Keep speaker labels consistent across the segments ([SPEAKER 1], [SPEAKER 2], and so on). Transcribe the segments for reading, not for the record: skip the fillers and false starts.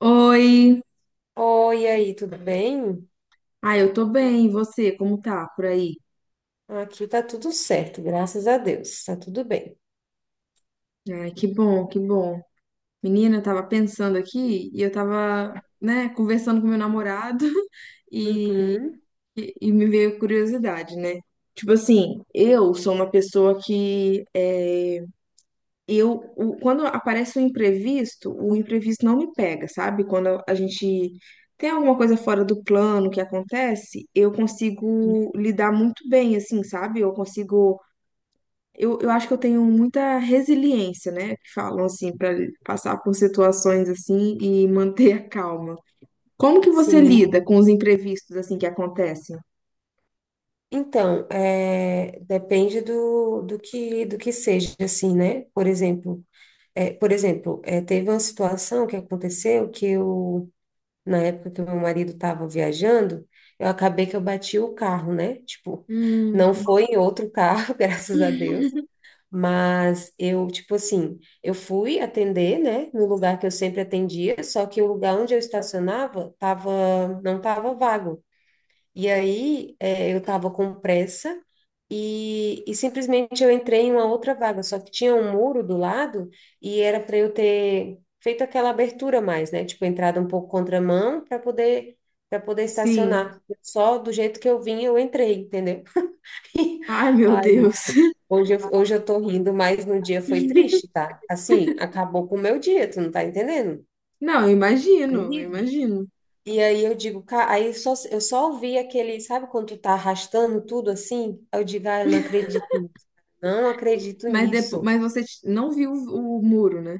[SPEAKER 1] Oi!
[SPEAKER 2] Oi, aí, tudo bem?
[SPEAKER 1] Ah, eu tô bem, e você? Como tá por aí?
[SPEAKER 2] Aqui tá tudo certo, graças a Deus, tá tudo bem.
[SPEAKER 1] Ai, que bom, que bom. Menina, eu tava pensando aqui e eu tava, né, conversando com meu namorado e,
[SPEAKER 2] Uhum,
[SPEAKER 1] e me veio curiosidade, né? Tipo assim, eu sou uma pessoa que é, eu o- quando aparece um imprevisto, o imprevisto não me pega, sabe? Quando a gente tem alguma coisa fora do plano que acontece, eu consigo lidar muito bem, assim, sabe? Eu acho que eu tenho muita resiliência, né? Que falam assim, para passar por situações assim e manter a calma. Como que você
[SPEAKER 2] sim.
[SPEAKER 1] lida com os imprevistos assim que acontecem?
[SPEAKER 2] Então, depende do que seja, assim, né? Por exemplo, por exemplo, teve uma situação que aconteceu que eu, na época que o meu marido estava viajando, eu acabei que eu bati o carro, né? Tipo,
[SPEAKER 1] Hum,
[SPEAKER 2] não foi em outro carro, graças a Deus. Mas eu, tipo assim, eu fui atender, né, no lugar que eu sempre atendia, só que o lugar onde eu estacionava tava, não tava vago. E aí, eu tava com pressa e, simplesmente eu entrei em uma outra vaga, só que tinha um muro do lado e era para eu ter feito aquela abertura mais, né, tipo, entrada um pouco contramão para poder
[SPEAKER 1] sim.
[SPEAKER 2] estacionar. Só do jeito que eu vim, eu entrei, entendeu?
[SPEAKER 1] Ai, meu
[SPEAKER 2] Aí
[SPEAKER 1] Deus.
[SPEAKER 2] hoje eu tô rindo, mas no dia foi triste, tá? Assim, acabou com o meu dia, tu não tá entendendo?
[SPEAKER 1] Não, eu
[SPEAKER 2] Foi
[SPEAKER 1] imagino, eu
[SPEAKER 2] horrível.
[SPEAKER 1] imagino.
[SPEAKER 2] E aí eu digo, cara, eu só ouvi aquele, sabe quando tu tá arrastando tudo assim? Aí eu digo, ah, eu não acredito nisso. Não acredito
[SPEAKER 1] Mas depois,
[SPEAKER 2] nisso.
[SPEAKER 1] mas não viu o muro, né?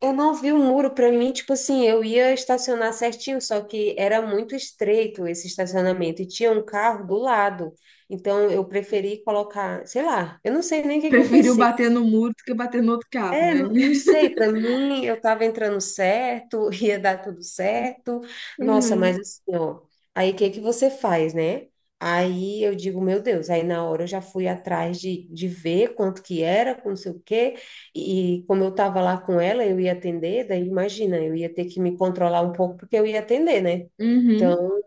[SPEAKER 2] Eu não vi o muro, pra mim, tipo assim, eu ia estacionar certinho, só que era muito estreito esse estacionamento e tinha um carro do lado. Então eu preferi colocar, sei lá, eu não sei nem o que que eu
[SPEAKER 1] Preferiu
[SPEAKER 2] pensei.
[SPEAKER 1] bater no muro do que bater no outro carro,
[SPEAKER 2] É,
[SPEAKER 1] né?
[SPEAKER 2] não sei, para mim eu tava entrando certo, ia dar tudo certo. Nossa,
[SPEAKER 1] Uhum.
[SPEAKER 2] mas assim, ó, aí o que que você faz, né? Aí eu digo, meu Deus, aí na hora eu já fui atrás de ver quanto que era, com não sei o quê, e como eu tava lá com ela, eu ia atender, daí imagina, eu ia ter que me controlar um pouco porque eu ia atender, né?
[SPEAKER 1] Uhum.
[SPEAKER 2] Então,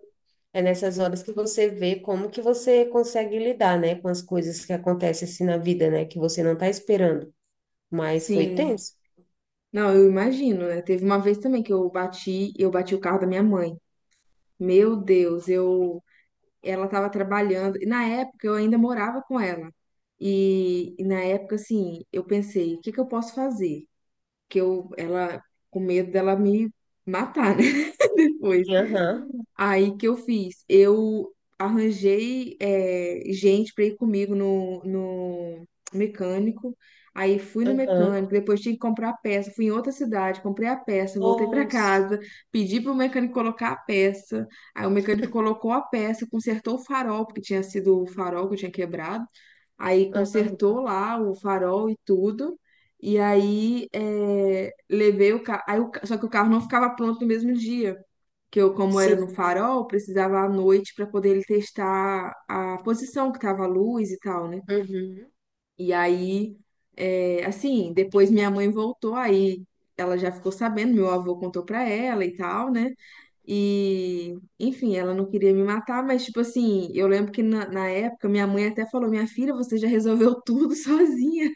[SPEAKER 2] é nessas horas que você vê como que você consegue lidar, né, com as coisas que acontecem assim na vida, né, que você não está esperando, mas foi
[SPEAKER 1] Sim.
[SPEAKER 2] tenso.
[SPEAKER 1] Não, eu imagino, né? Teve uma vez também eu bati o carro da minha mãe. Meu Deus, eu ela estava trabalhando, e na época eu ainda morava com ela. E na época, assim, eu pensei, o que que eu posso fazer? Que eu, ela, com medo dela me matar, né, depois.
[SPEAKER 2] Aham,
[SPEAKER 1] Aí que eu fiz? Eu arranjei gente para ir comigo no mecânico. Aí fui no
[SPEAKER 2] aham.
[SPEAKER 1] mecânico, depois tinha que comprar a peça. Fui em outra cidade, comprei a peça, voltei para
[SPEAKER 2] Nossa,
[SPEAKER 1] casa, pedi pro mecânico colocar a peça. Aí o mecânico colocou a peça, consertou o farol, porque tinha sido o farol que eu tinha quebrado. Aí
[SPEAKER 2] aham,
[SPEAKER 1] consertou lá o farol e tudo. E aí levei o carro. Só que o carro não ficava pronto no mesmo dia que eu, como era no
[SPEAKER 2] sim.
[SPEAKER 1] farol, precisava à noite para poder ele testar a posição que tava a luz e tal, né?
[SPEAKER 2] Uhum.
[SPEAKER 1] E aí, é, assim, depois minha mãe voltou, aí ela já ficou sabendo, meu avô contou para ela e tal, né? E, enfim, ela não queria me matar, mas, tipo assim, eu lembro que na época minha mãe até falou: Minha filha, você já resolveu tudo sozinha.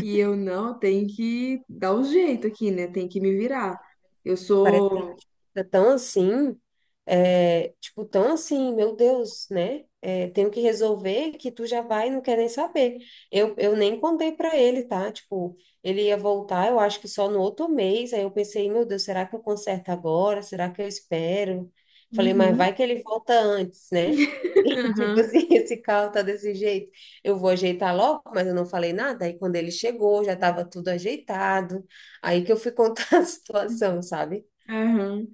[SPEAKER 1] E eu, não, tem que dar um jeito aqui, né? Tem que me virar. Eu
[SPEAKER 2] É, parece que a
[SPEAKER 1] sou.
[SPEAKER 2] gente fica tão assim, é, tipo, tão assim, meu Deus, né? É, tenho que resolver que tu já vai e não quer nem saber. Eu nem contei pra ele, tá? Tipo, ele ia voltar, eu acho que só no outro mês. Aí eu pensei, meu Deus, será que eu conserto agora? Será que eu espero? Falei, mas
[SPEAKER 1] Uhum.
[SPEAKER 2] vai que ele volta antes, né? E, tipo assim, esse carro tá desse jeito. Eu vou ajeitar logo, mas eu não falei nada. Aí quando ele chegou, já tava tudo ajeitado. Aí que eu fui contar a situação, sabe?
[SPEAKER 1] Aham.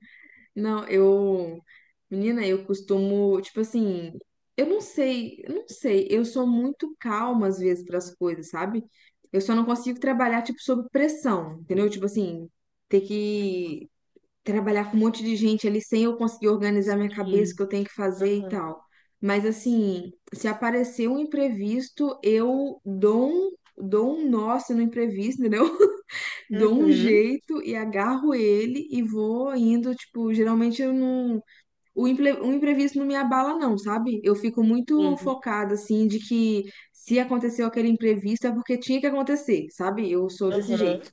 [SPEAKER 1] Não, eu. Menina, eu costumo, tipo assim, eu não sei, eu sou muito calma às vezes para as coisas, sabe? Eu só não consigo trabalhar, tipo, sob pressão, entendeu? Tipo assim, ter que trabalhar com um monte de gente ali sem eu conseguir organizar minha cabeça, o que
[SPEAKER 2] Sim.
[SPEAKER 1] eu tenho que fazer e
[SPEAKER 2] Aham.
[SPEAKER 1] tal. Mas assim, se aparecer um imprevisto, dou um nó assim, no imprevisto, entendeu? Dou um
[SPEAKER 2] Uhum.
[SPEAKER 1] jeito e agarro ele e vou indo, tipo, geralmente eu não. O imprevisto não me abala, não, sabe? Eu fico muito
[SPEAKER 2] Sim.
[SPEAKER 1] focada, assim, de que se aconteceu aquele imprevisto é porque tinha que acontecer, sabe? Eu sou desse
[SPEAKER 2] Aham.
[SPEAKER 1] jeito.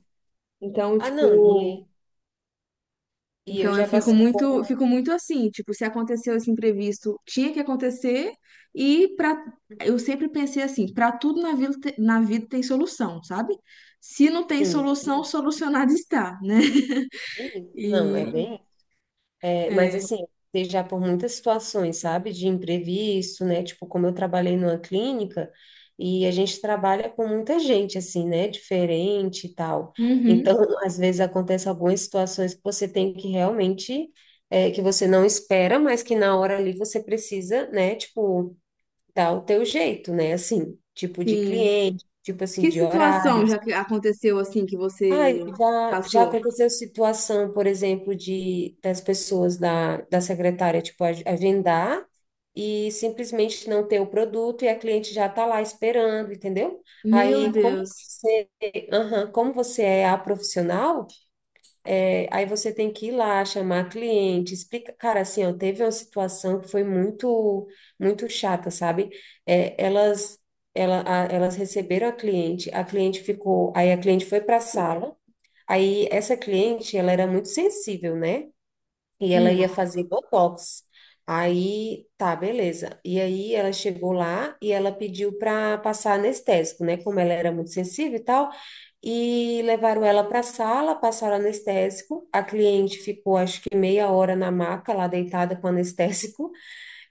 [SPEAKER 1] Então,
[SPEAKER 2] Ah, não.
[SPEAKER 1] tipo.
[SPEAKER 2] E eu
[SPEAKER 1] Então eu
[SPEAKER 2] já passei por.
[SPEAKER 1] fico muito assim, tipo, se aconteceu esse imprevisto, tinha que acontecer e para eu sempre pensei assim, para tudo na vida, na vida tem solução, sabe? Se não tem
[SPEAKER 2] Sim.
[SPEAKER 1] solução, solucionado está, né?
[SPEAKER 2] Uhum. Não,
[SPEAKER 1] E,
[SPEAKER 2] é bem. É, mas
[SPEAKER 1] é,
[SPEAKER 2] assim, eu já por muitas situações, sabe? De imprevisto, né? Tipo, como eu trabalhei numa clínica e a gente trabalha com muita gente, assim, né? Diferente e tal.
[SPEAKER 1] uhum,
[SPEAKER 2] Então, às vezes acontece algumas situações que você tem que realmente. É, que você não espera, mas que na hora ali você precisa, né? Tipo, dá o teu jeito, né? Assim, tipo de
[SPEAKER 1] sim.
[SPEAKER 2] cliente, tipo assim,
[SPEAKER 1] Que
[SPEAKER 2] de
[SPEAKER 1] situação
[SPEAKER 2] horários.
[SPEAKER 1] já que aconteceu assim que
[SPEAKER 2] Ai,
[SPEAKER 1] você
[SPEAKER 2] já, já
[SPEAKER 1] passou?
[SPEAKER 2] aconteceu situação, por exemplo, de das pessoas da secretária, tipo, agendar e simplesmente não ter o produto e a cliente já tá lá esperando, entendeu?
[SPEAKER 1] Meu
[SPEAKER 2] Aí, como
[SPEAKER 1] Deus.
[SPEAKER 2] você, aham, como você é a profissional, é, aí você tem que ir lá, chamar cliente, explica. Cara, assim, ó, teve uma situação que foi muito, muito chata, sabe? É, elas, ela, elas receberam a cliente ficou, aí a cliente foi para a sala. Aí essa cliente, ela era muito sensível, né? E ela
[SPEAKER 1] Hum.
[SPEAKER 2] ia fazer botox. Aí, tá, beleza. E aí ela chegou lá e ela pediu para passar anestésico, né? Como ela era muito sensível e tal. E levaram ela para a sala, passaram anestésico. A cliente ficou, acho que meia hora na maca, lá deitada com anestésico.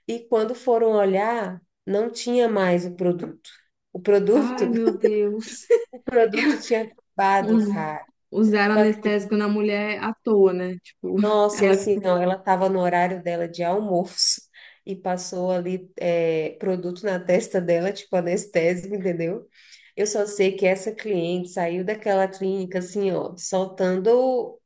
[SPEAKER 2] E quando foram olhar, não tinha mais o produto. O produto,
[SPEAKER 1] Ai, meu Deus.
[SPEAKER 2] o produto tinha acabado,
[SPEAKER 1] Us-
[SPEAKER 2] cara.
[SPEAKER 1] Usaram
[SPEAKER 2] Tu
[SPEAKER 1] anestésico na
[SPEAKER 2] acredita?
[SPEAKER 1] mulher à toa, né? Tipo,
[SPEAKER 2] Nossa, e
[SPEAKER 1] ela.
[SPEAKER 2] assim, ó, ela estava no horário dela de almoço e passou ali produto na testa dela, tipo anestésico, entendeu? Eu só sei que essa cliente saiu daquela clínica assim, ó, soltando,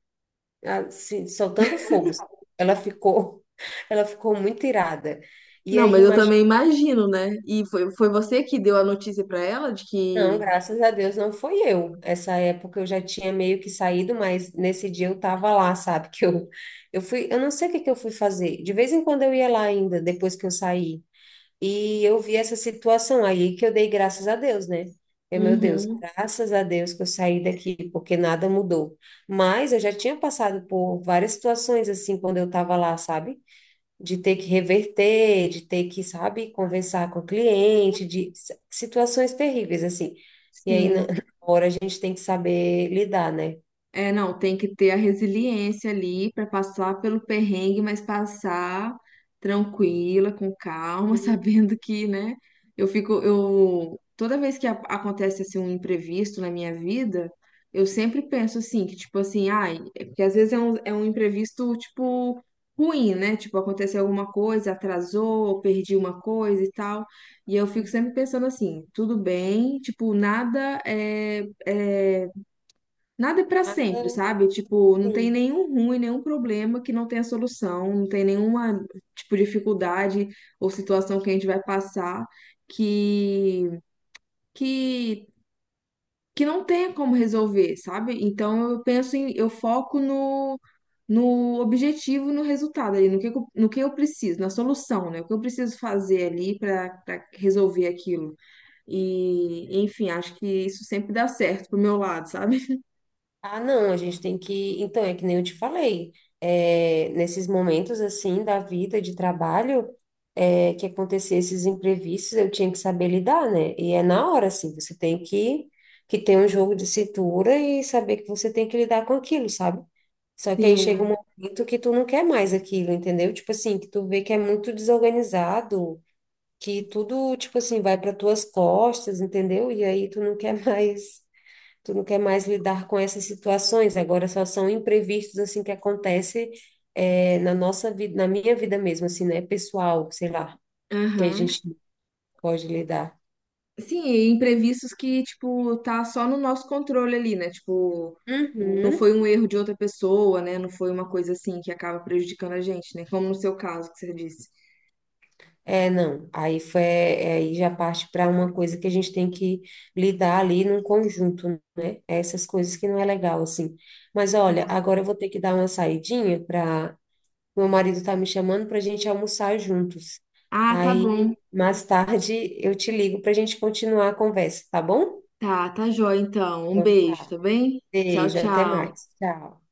[SPEAKER 2] assim, soltando fogo. Ela ficou, ela ficou muito irada. E
[SPEAKER 1] Não,
[SPEAKER 2] aí,
[SPEAKER 1] mas eu também imagino, né? E foi, foi você que deu a notícia pra ela de
[SPEAKER 2] não,
[SPEAKER 1] que.
[SPEAKER 2] graças a Deus não foi eu. Essa época eu já tinha meio que saído, mas nesse dia eu tava lá, sabe? Que eu fui, eu não sei o que que eu fui fazer. De vez em quando eu ia lá ainda, depois que eu saí. E eu vi essa situação aí que eu dei graças a Deus, né? Eu, meu Deus,
[SPEAKER 1] Uhum,
[SPEAKER 2] graças a Deus que eu saí daqui, porque nada mudou. Mas eu já tinha passado por várias situações assim quando eu tava lá, sabe? De ter que reverter, de ter que, sabe, conversar com o cliente, de situações terríveis, assim. E aí, na
[SPEAKER 1] sim.
[SPEAKER 2] na hora, a gente tem que saber lidar, né?
[SPEAKER 1] É, não, tem que ter a resiliência ali para passar pelo perrengue, mas passar tranquila, com calma,
[SPEAKER 2] Uhum.
[SPEAKER 1] sabendo que, né? Eu fico, eu toda vez que acontece assim um imprevisto na minha vida, eu sempre penso assim, que tipo assim, ai, é porque às vezes é um imprevisto tipo ruim, né? Tipo, aconteceu alguma coisa, atrasou, perdi uma coisa e tal. E eu fico
[SPEAKER 2] Uhum.
[SPEAKER 1] sempre pensando assim, tudo bem, tipo, nada é pra sempre,
[SPEAKER 2] Nada,
[SPEAKER 1] sabe? Tipo, não tem
[SPEAKER 2] sim.
[SPEAKER 1] nenhum ruim, nenhum problema que não tenha solução, não tem nenhuma, tipo, dificuldade ou situação que a gente vai passar que que que não tenha como resolver, sabe? Então eu penso em, eu foco no objetivo, no resultado ali, no que eu preciso, na solução, né? O que eu preciso fazer ali pra resolver aquilo. E, enfim, acho que isso sempre dá certo pro meu lado, sabe?
[SPEAKER 2] Ah, não, a gente tem que. Então, é que nem eu te falei, é, nesses momentos assim da vida de trabalho, é, que acontecer esses imprevistos, eu tinha que saber lidar, né? E é na hora, assim, você tem que ter um jogo de cintura e saber que você tem que lidar com aquilo, sabe? Só que aí chega um
[SPEAKER 1] Sim.
[SPEAKER 2] momento que tu não quer mais aquilo, entendeu? Tipo assim, que tu vê que é muito desorganizado, que tudo, tipo assim, vai para tuas costas, entendeu? E aí tu não quer mais. Tu não quer mais lidar com essas situações, agora só são imprevistos assim que acontece na nossa vida, na minha vida mesmo, assim, né? Pessoal, sei lá, que a
[SPEAKER 1] Aham.
[SPEAKER 2] gente não pode lidar.
[SPEAKER 1] Sim, e imprevistos que, tipo, tá só no nosso controle ali, né? Tipo, não
[SPEAKER 2] Uhum.
[SPEAKER 1] foi um erro de outra pessoa, né? Não foi uma coisa assim que acaba prejudicando a gente, né? Como no seu caso que você disse.
[SPEAKER 2] É, não. Aí foi, é, aí já parte para uma coisa que a gente tem que lidar ali num conjunto, né? Essas coisas que não é legal, assim. Mas olha, agora eu vou ter que dar uma saidinha para meu marido. Tá me chamando para a gente almoçar juntos.
[SPEAKER 1] Ah, tá
[SPEAKER 2] Aí,
[SPEAKER 1] bom.
[SPEAKER 2] mais tarde, eu te ligo para a gente continuar a conversa, tá bom?
[SPEAKER 1] Tá, tá jóia então. Um
[SPEAKER 2] Então
[SPEAKER 1] beijo, tá
[SPEAKER 2] tá.
[SPEAKER 1] bem? Tchau,
[SPEAKER 2] Beijo, até
[SPEAKER 1] tchau.
[SPEAKER 2] mais. Tchau.